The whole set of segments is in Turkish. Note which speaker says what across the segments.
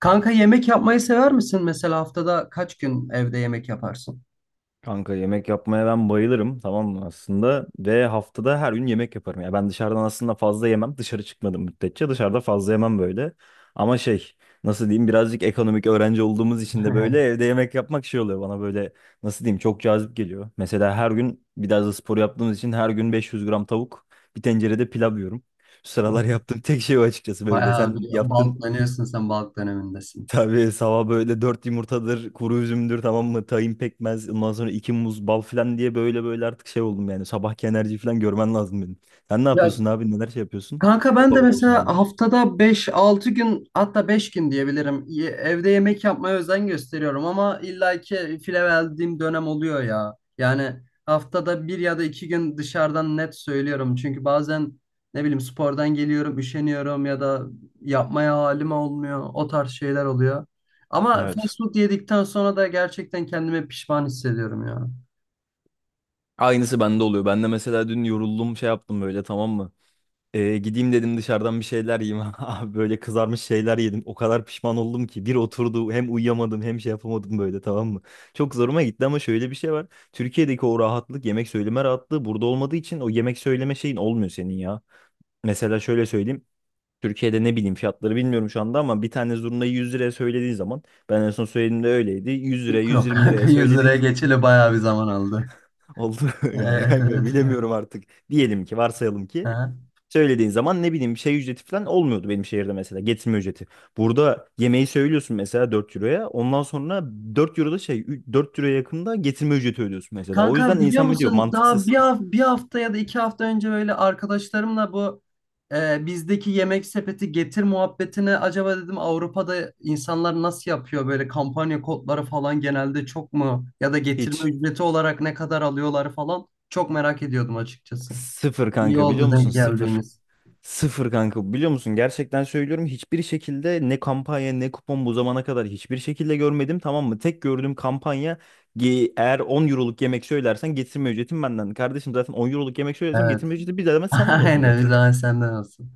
Speaker 1: Kanka, yemek yapmayı sever misin? Mesela haftada kaç gün evde yemek yaparsın?
Speaker 2: Kanka yemek yapmaya ben bayılırım tamam mı aslında ve haftada her gün yemek yaparım. Ya ben dışarıdan aslında fazla yemem dışarı çıkmadım müddetçe dışarıda fazla yemem böyle. Ama nasıl diyeyim birazcık ekonomik öğrenci olduğumuz için de böyle evde yemek yapmak şey oluyor bana böyle nasıl diyeyim çok cazip geliyor. Mesela her gün biraz da spor yaptığımız için her gün 500 gram tavuk bir tencerede pilav yiyorum. Şu sıralar yaptığım tek şey o açıkçası böyle
Speaker 1: Bayağı
Speaker 2: sen
Speaker 1: bir
Speaker 2: yaptın.
Speaker 1: balklanıyorsun, sen balk dönemindesin.
Speaker 2: Tabii sabah böyle dört yumurtadır, kuru üzümdür tamam mı? Tahin pekmez, ondan sonra iki muz, bal falan diye böyle böyle artık şey oldum yani. Sabahki enerji falan görmen lazım benim. Sen ne yapıyorsun
Speaker 1: Ya
Speaker 2: abi? Neler şey yapıyorsun?
Speaker 1: kanka, ben de
Speaker 2: Yapabiliyorsun
Speaker 1: mesela
Speaker 2: abi.
Speaker 1: haftada 5-6 gün, hatta 5 gün diyebilirim. Evde yemek yapmaya özen gösteriyorum, ama illaki file verdiğim dönem oluyor ya. Yani haftada bir ya da 2 gün dışarıdan, net söylüyorum. Çünkü bazen ne bileyim spordan geliyorum, üşeniyorum ya da yapmaya halim olmuyor. O tarz şeyler oluyor. Ama
Speaker 2: Evet.
Speaker 1: fast food yedikten sonra da gerçekten kendimi pişman hissediyorum ya.
Speaker 2: Aynısı bende oluyor. Ben de mesela dün yoruldum şey yaptım böyle tamam mı? Gideyim dedim dışarıdan bir şeyler yiyeyim. Abi böyle kızarmış şeyler yedim. O kadar pişman oldum ki. Bir oturdu hem uyuyamadım hem şey yapamadım böyle tamam mı? Çok zoruma gitti ama şöyle bir şey var. Türkiye'deki o rahatlık yemek söyleme rahatlığı burada olmadığı için o yemek söyleme şeyin olmuyor senin ya. Mesela şöyle söyleyeyim. Türkiye'de ne bileyim fiyatları bilmiyorum şu anda ama bir tane zurnayı 100 liraya söylediğin zaman ben en son söylediğimde öyleydi. 100 liraya
Speaker 1: Yok
Speaker 2: 120
Speaker 1: kanka,
Speaker 2: liraya
Speaker 1: 100 liraya
Speaker 2: söylediğin
Speaker 1: geçeli bayağı bir zaman aldı.
Speaker 2: oldu yani
Speaker 1: Evet,
Speaker 2: kanka
Speaker 1: evet.
Speaker 2: bilemiyorum artık. Diyelim ki varsayalım ki söylediğin zaman ne bileyim şey ücreti falan olmuyordu benim şehirde mesela getirme ücreti. Burada yemeği söylüyorsun mesela 4 euroya ondan sonra 4 euroda 4 euroya yakında getirme ücreti ödüyorsun mesela. O yüzden
Speaker 1: Kanka, biliyor
Speaker 2: insan mı diyor
Speaker 1: musun, daha
Speaker 2: mantıksız
Speaker 1: bir hafta ya da 2 hafta önce böyle arkadaşlarımla bu bizdeki yemek sepeti getir muhabbetine, acaba dedim, Avrupa'da insanlar nasıl yapıyor, böyle kampanya kodları falan genelde çok mu ya da getirme
Speaker 2: hiç
Speaker 1: ücreti olarak ne kadar alıyorlar falan, çok merak ediyordum açıkçası.
Speaker 2: sıfır
Speaker 1: İyi
Speaker 2: kanka biliyor
Speaker 1: oldu
Speaker 2: musun
Speaker 1: denk
Speaker 2: sıfır.
Speaker 1: geldiğimiz.
Speaker 2: Sıfır kanka biliyor musun gerçekten söylüyorum hiçbir şekilde ne kampanya ne kupon bu zamana kadar hiçbir şekilde görmedim tamam mı? Tek gördüğüm kampanya eğer 10 euroluk yemek söylersen getirme ücretim benden. Kardeşim zaten 10 euroluk yemek söylersem
Speaker 1: Evet.
Speaker 2: getirme ücreti bir de hemen senden olsun
Speaker 1: Aynen,
Speaker 2: zaten.
Speaker 1: bir daha senden olsun.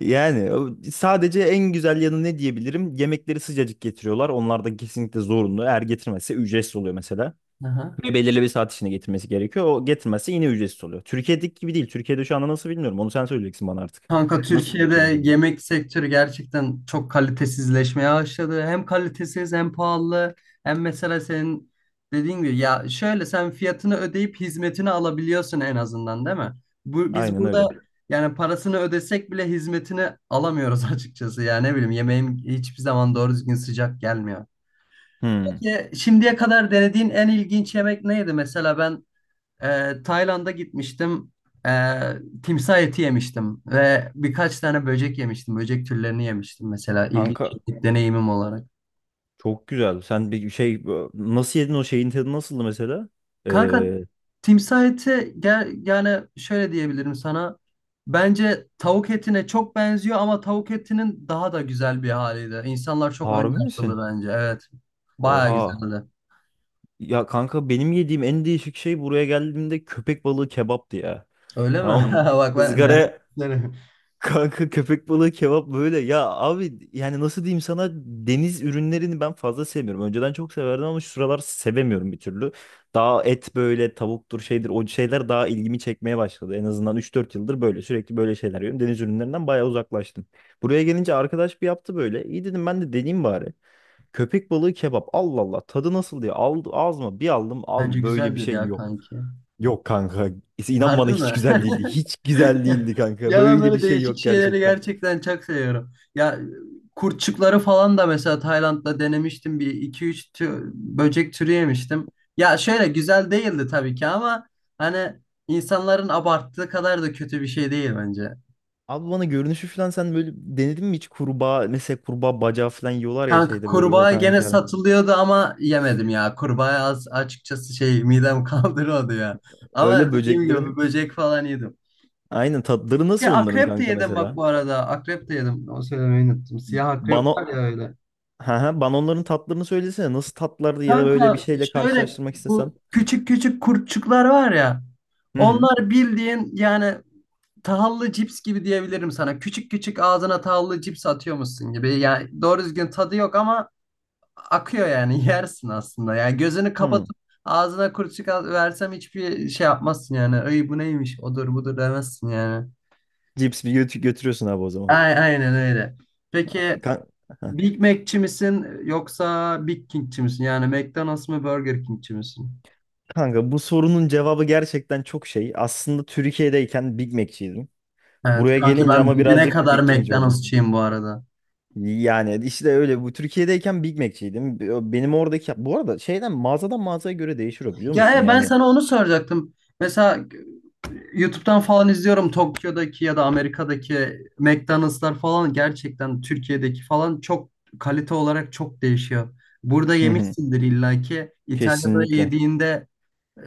Speaker 2: Yani sadece en güzel yanı ne diyebilirim? Yemekleri sıcacık getiriyorlar. Onlar da kesinlikle zorunlu. Eğer getirmezse ücretsiz oluyor mesela.
Speaker 1: Aha.
Speaker 2: Ve belirli bir saat içinde getirmesi gerekiyor. O getirmezse yine ücretsiz oluyor. Türkiye'deki gibi değil. Türkiye'de şu anda nasıl bilmiyorum. Onu sen söyleyeceksin bana artık.
Speaker 1: Kanka,
Speaker 2: Nasıl oluyor şey
Speaker 1: Türkiye'de
Speaker 2: bilirim.
Speaker 1: yemek sektörü gerçekten çok kalitesizleşmeye başladı. Hem kalitesiz hem pahalı, hem mesela senin dediğin gibi, ya şöyle, sen fiyatını ödeyip hizmetini alabiliyorsun en azından, değil mi? Biz
Speaker 2: Aynen
Speaker 1: burada
Speaker 2: öyle.
Speaker 1: yani parasını ödesek bile hizmetini alamıyoruz açıkçası. Yani ne bileyim, yemeğim hiçbir zaman doğru düzgün sıcak gelmiyor.
Speaker 2: Hmm.
Speaker 1: Peki, şimdiye kadar denediğin en ilginç yemek neydi? Mesela ben Tayland'a gitmiştim. Ee, timsah eti yemiştim ve birkaç tane böcek yemiştim. Böcek türlerini yemiştim mesela, ilginç
Speaker 2: Kanka
Speaker 1: bir deneyimim olarak.
Speaker 2: çok güzel. Sen bir şey nasıl yedin o şeyin tadı nasıldı mesela?
Speaker 1: Kanka,
Speaker 2: Ee,
Speaker 1: timsah eti yani şöyle diyebilirim sana. Bence tavuk etine çok benziyor ama tavuk etinin daha da güzel bir haliydi. İnsanlar çok ön
Speaker 2: Harbi misin?
Speaker 1: yargılı bence. Evet. Bayağı
Speaker 2: Oha.
Speaker 1: güzeldi.
Speaker 2: Ya kanka benim yediğim en değişik şey buraya geldiğimde köpek balığı kebaptı ya.
Speaker 1: Öyle mi?
Speaker 2: Tamam.
Speaker 1: Bak,
Speaker 2: ızgara
Speaker 1: ben-
Speaker 2: kanka köpek balığı kebap böyle. Ya abi yani nasıl diyeyim sana deniz ürünlerini ben fazla sevmiyorum. Önceden çok severdim ama şu sıralar sevemiyorum bir türlü. Daha et böyle tavuktur şeydir o şeyler daha ilgimi çekmeye başladı. En azından üç dört yıldır böyle sürekli böyle şeyler yiyorum. Deniz ürünlerinden bayağı uzaklaştım. Buraya gelince arkadaş bir yaptı böyle. İyi dedim ben de deneyeyim bari. Köpek balığı kebap Allah Allah tadı nasıl diye aldı, ağzıma bir aldım
Speaker 1: bence
Speaker 2: abi böyle bir
Speaker 1: güzeldir
Speaker 2: şey
Speaker 1: ya,
Speaker 2: yok.
Speaker 1: kanki.
Speaker 2: Yok kanka. İnan
Speaker 1: Harbi
Speaker 2: bana
Speaker 1: mi?
Speaker 2: hiç güzel değildi. Hiç güzel değildi kanka.
Speaker 1: Ya, ben
Speaker 2: Böyle bir
Speaker 1: böyle
Speaker 2: şey
Speaker 1: değişik
Speaker 2: yok
Speaker 1: şeyleri
Speaker 2: gerçekten.
Speaker 1: gerçekten çok seviyorum. Ya, kurtçukları falan da mesela Tayland'da denemiştim. Bir iki üç böcek türü yemiştim. Ya şöyle, güzel değildi tabii ki ama hani insanların abarttığı kadar da kötü bir şey değil bence.
Speaker 2: Abi bana görünüşü falan sen böyle denedin mi hiç kurbağa mesela kurbağa bacağı falan yiyorlar ya
Speaker 1: Kanka,
Speaker 2: şeyde böyle o
Speaker 1: kurbağa
Speaker 2: veteriner
Speaker 1: gene
Speaker 2: yerde.
Speaker 1: satılıyordu ama yemedim ya. Kurbağa az açıkçası, şey, midem kaldırıyordu ya. Ama
Speaker 2: Öyle
Speaker 1: dediğim gibi
Speaker 2: böceklerin
Speaker 1: böcek falan yedim.
Speaker 2: aynen tatları
Speaker 1: Ya,
Speaker 2: nasıl onların
Speaker 1: akrep de
Speaker 2: kanka
Speaker 1: yedim bak
Speaker 2: mesela?
Speaker 1: bu arada. Akrep de yedim. Onu söylemeyi unuttum. Siyah akrep
Speaker 2: Bana
Speaker 1: var ya, öyle.
Speaker 2: ha ha bana onların tatlarını söylesene nasıl tatlardı ya da böyle bir
Speaker 1: Kanka
Speaker 2: şeyle
Speaker 1: şöyle,
Speaker 2: karşılaştırmak istesem.
Speaker 1: bu küçük küçük kurtçuklar var ya.
Speaker 2: Hı hı.
Speaker 1: Onlar bildiğin yani tahıllı cips gibi diyebilirim sana. Küçük küçük ağzına tahıllı cips atıyormuşsun gibi. Yani doğru düzgün tadı yok ama akıyor yani, yersin aslında. Yani gözünü
Speaker 2: Hı.
Speaker 1: kapatıp ağzına kurtçuk versem hiçbir şey yapmazsın yani. Ay, bu neymiş, odur budur demezsin yani.
Speaker 2: Cips bir götü götürüyorsun abi o zaman.
Speaker 1: Aynen öyle. Peki,
Speaker 2: Kan- Heh.
Speaker 1: Big Mac'çi misin yoksa Big King'çi misin? Yani McDonald's mı Burger King'çi misin?
Speaker 2: Kanka bu sorunun cevabı gerçekten çok şey. Aslında Türkiye'deyken Big Mac'çiydim.
Speaker 1: Evet
Speaker 2: Buraya
Speaker 1: kanki,
Speaker 2: gelince
Speaker 1: ben
Speaker 2: ama
Speaker 1: dibine
Speaker 2: birazcık
Speaker 1: kadar
Speaker 2: Big King oldum.
Speaker 1: McDonald'sçıyım bu arada.
Speaker 2: Yani işte öyle. Bu Türkiye'deyken Big Mac'çiydim. Benim oradaki bu arada şeyden mağazadan mağazaya göre değişiyor biliyor
Speaker 1: Ya,
Speaker 2: musun?
Speaker 1: ben
Speaker 2: Yani
Speaker 1: sana onu soracaktım. Mesela YouTube'dan falan izliyorum, Tokyo'daki ya da Amerika'daki McDonald'slar falan gerçekten Türkiye'deki falan çok, kalite olarak çok değişiyor. Burada
Speaker 2: hı hı,
Speaker 1: yemişsindir illaki. İtalya'da
Speaker 2: kesinlikle.
Speaker 1: yediğinde e,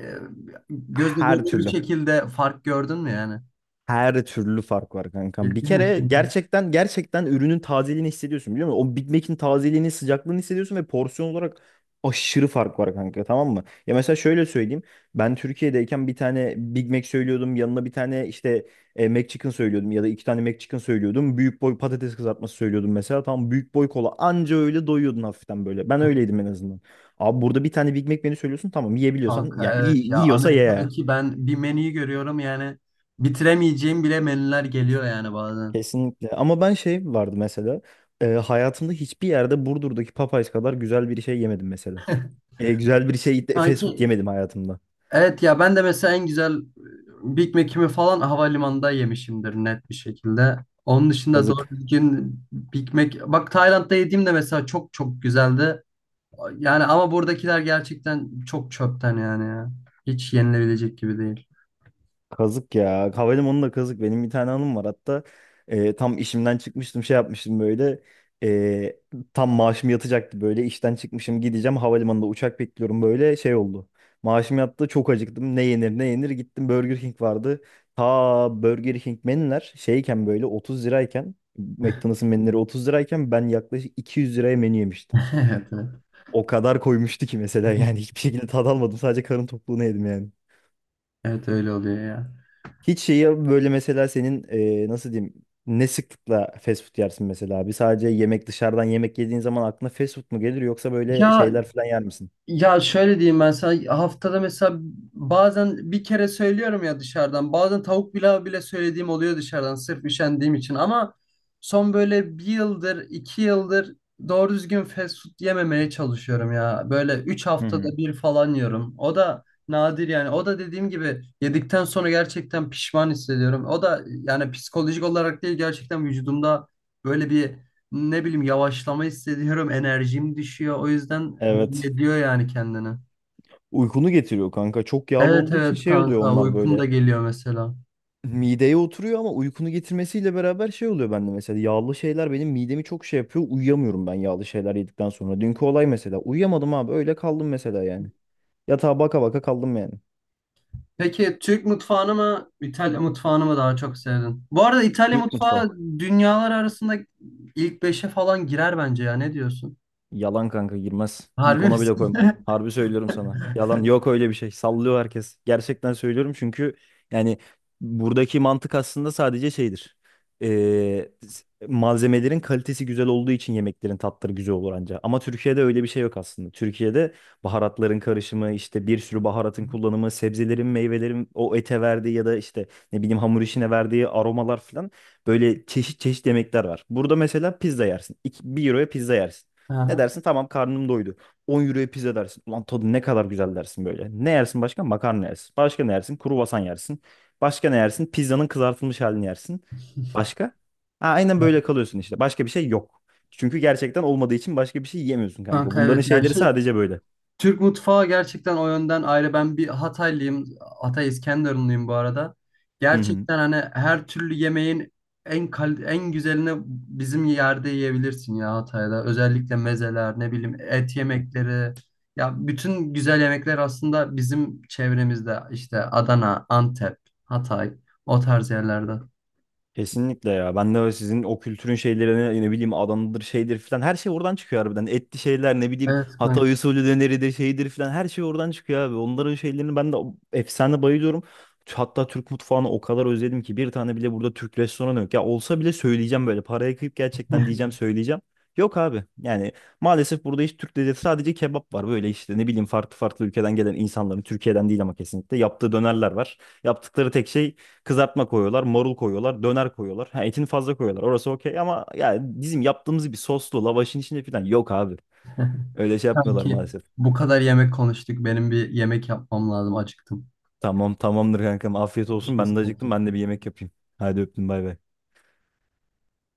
Speaker 1: gözle
Speaker 2: Her
Speaker 1: görülür bir
Speaker 2: türlü.
Speaker 1: şekilde fark gördün mü yani?
Speaker 2: Her türlü fark var kankam. Bir
Speaker 1: Ciddi
Speaker 2: kere
Speaker 1: misin?
Speaker 2: gerçekten gerçekten ürünün tazeliğini hissediyorsun biliyor musun? O Big Mac'in tazeliğini, sıcaklığını hissediyorsun ve porsiyon olarak aşırı fark var kanka tamam mı? Ya mesela şöyle söyleyeyim. Ben Türkiye'deyken bir tane Big Mac söylüyordum. Yanına bir tane işte McChicken söylüyordum ya da iki tane McChicken söylüyordum. Büyük boy patates kızartması söylüyordum mesela. Tam büyük boy kola anca öyle doyuyordun hafiften böyle. Ben öyleydim en azından. Abi burada bir tane Big Mac menü söylüyorsun tamam yiyebiliyorsan
Speaker 1: Kanka
Speaker 2: ya
Speaker 1: evet
Speaker 2: iyi
Speaker 1: ya,
Speaker 2: yiyorsa ye.
Speaker 1: Amerika'daki, ben bir menüyü görüyorum yani bitiremeyeceğim bile menüler geliyor yani bazen.
Speaker 2: Kesinlikle. Ama ben şey vardı mesela. Hayatımda hiçbir yerde Burdur'daki Popeyes kadar güzel bir şey yemedim mesela. E, güzel bir şey de- Fast food
Speaker 1: Sanki,
Speaker 2: yemedim hayatımda.
Speaker 1: evet ya, ben de mesela en güzel Big Mac'imi falan havalimanında yemişimdir, net bir şekilde. Onun dışında doğru
Speaker 2: Kazık.
Speaker 1: düzgün Big Mac, bak Tayland'da yediğim de mesela çok çok güzeldi. Yani ama buradakiler gerçekten çok çöpten yani ya. Hiç yenilebilecek gibi değil.
Speaker 2: Kazık ya. Havalimanı da kazık. Benim bir tane anım var. Hatta tam işimden çıkmıştım şey yapmıştım böyle. E, Tam maaşım yatacaktı böyle. İşten çıkmışım gideceğim. Havalimanında uçak bekliyorum böyle şey oldu. Maaşım yattı çok acıktım. Ne yenir ne yenir gittim Burger King vardı. Ta Burger King menüler şeyken böyle 30 lirayken McDonald's'ın menüleri 30 lirayken ben yaklaşık 200 liraya menü yemiştim.
Speaker 1: Evet, evet.
Speaker 2: O kadar koymuştu ki mesela yani hiçbir şekilde tad almadım. Sadece karın tokluğunu yedim yani.
Speaker 1: Evet, öyle oluyor ya.
Speaker 2: Hiç şeyi böyle mesela senin nasıl diyeyim ne sıklıkla fast food yersin mesela abi? Sadece yemek dışarıdan yemek yediğin zaman aklına fast food mu gelir yoksa böyle
Speaker 1: Ya
Speaker 2: şeyler falan yer misin?
Speaker 1: Ya şöyle diyeyim ben sana, haftada mesela bazen bir kere söylüyorum ya dışarıdan, bazen tavuk pilav bile söylediğim oluyor dışarıdan sırf üşendiğim için, ama son böyle bir yıldır 2 yıldır doğru düzgün fast food yememeye çalışıyorum ya, böyle üç
Speaker 2: Hı hı.
Speaker 1: haftada bir falan yiyorum, o da nadir yani, o da dediğim gibi yedikten sonra gerçekten pişman hissediyorum, o da yani psikolojik olarak değil, gerçekten vücudumda böyle bir, ne bileyim, yavaşlama hissediyorum, enerjim düşüyor. O yüzden belli
Speaker 2: Evet.
Speaker 1: ediyor yani kendini.
Speaker 2: Uykunu getiriyor kanka. Çok yağlı
Speaker 1: Evet,
Speaker 2: olduğu için
Speaker 1: evet
Speaker 2: şey oluyor
Speaker 1: kanka,
Speaker 2: onlar
Speaker 1: uykum da
Speaker 2: böyle.
Speaker 1: geliyor mesela.
Speaker 2: Mideye oturuyor ama uykunu getirmesiyle beraber şey oluyor bende mesela. Yağlı şeyler benim midemi çok şey yapıyor. Uyuyamıyorum ben yağlı şeyler yedikten sonra. Dünkü olay mesela. Uyuyamadım abi. Öyle kaldım mesela yani. Yatağa baka baka kaldım yani.
Speaker 1: Peki Türk mutfağını mı İtalya mutfağını mı daha çok sevdin? Bu arada İtalya
Speaker 2: Türk mutfağı.
Speaker 1: mutfağı dünyalar arasında ilk beşe falan girer bence, ya ne diyorsun?
Speaker 2: Yalan kanka girmez. İlk
Speaker 1: Harbi
Speaker 2: ona bile
Speaker 1: misin?
Speaker 2: koymam. Harbi söylüyorum sana. Yalan yok öyle bir şey. Sallıyor herkes. Gerçekten söylüyorum çünkü yani buradaki mantık aslında sadece şeydir. Malzemelerin kalitesi güzel olduğu için yemeklerin tatları güzel olur anca. Ama Türkiye'de öyle bir şey yok aslında. Türkiye'de baharatların karışımı, işte bir sürü baharatın kullanımı, sebzelerin, meyvelerin o ete verdiği ya da işte ne bileyim hamur işine verdiği aromalar falan böyle çeşit çeşit yemekler var. Burada mesela pizza yersin. 1 euroya pizza yersin. Ne
Speaker 1: Aha.
Speaker 2: dersin? Tamam karnım doydu. 10 euroya pizza dersin. Ulan tadı ne kadar güzel dersin böyle. Ne yersin başka? Makarna yersin. Başka ne yersin? Kruvasan yersin. Başka ne yersin? Pizzanın kızartılmış halini yersin. Başka? Ha, aynen böyle kalıyorsun işte. Başka bir şey yok. Çünkü gerçekten olmadığı için başka bir şey yiyemiyorsun kanka.
Speaker 1: Kanka
Speaker 2: Bunların
Speaker 1: evet ya,
Speaker 2: şeyleri
Speaker 1: şey,
Speaker 2: sadece böyle.
Speaker 1: Türk mutfağı gerçekten o yönden ayrı. Ben bir Hataylıyım. Hatay İskenderunluyum bu arada.
Speaker 2: Hı hı.
Speaker 1: Gerçekten hani her türlü yemeğin en güzelini bizim yerde yiyebilirsin ya, Hatay'da. Özellikle mezeler, ne bileyim, et yemekleri. Ya, bütün güzel yemekler aslında bizim çevremizde, işte Adana, Antep, Hatay, o tarz yerlerde.
Speaker 2: Kesinlikle ya. Ben de öyle sizin o kültürün şeylerine ne bileyim Adana'dır şeydir filan her şey oradan çıkıyor harbiden. Etli şeyler ne bileyim
Speaker 1: Evet
Speaker 2: Hatay
Speaker 1: kanki.
Speaker 2: usulü döneridir şeydir filan her şey oradan çıkıyor abi. Onların şeylerini ben de efsane bayılıyorum. Hatta Türk mutfağını o kadar özledim ki bir tane bile burada Türk restoranı yok. Ya olsa bile söyleyeceğim böyle paraya kıyıp gerçekten diyeceğim söyleyeceğim. Yok abi yani maalesef burada hiç Türk lezzeti sadece kebap var böyle işte ne bileyim farklı farklı ülkeden gelen insanların Türkiye'den değil ama kesinlikle yaptığı dönerler var. Yaptıkları tek şey kızartma koyuyorlar, marul koyuyorlar, döner koyuyorlar. Ha, etini fazla koyuyorlar. Orası okey ama ya bizim yaptığımız bir soslu lavaşın içinde falan yok abi. Öyle şey yapmıyorlar
Speaker 1: Kanki,
Speaker 2: maalesef.
Speaker 1: bu kadar yemek konuştuk. Benim bir yemek yapmam lazım. Acıktım.
Speaker 2: Tamam tamamdır kankam. Afiyet olsun.
Speaker 1: Görüşürüz
Speaker 2: Ben de acıktım.
Speaker 1: kanki.
Speaker 2: Ben de bir yemek yapayım. Hadi öptüm bay bay.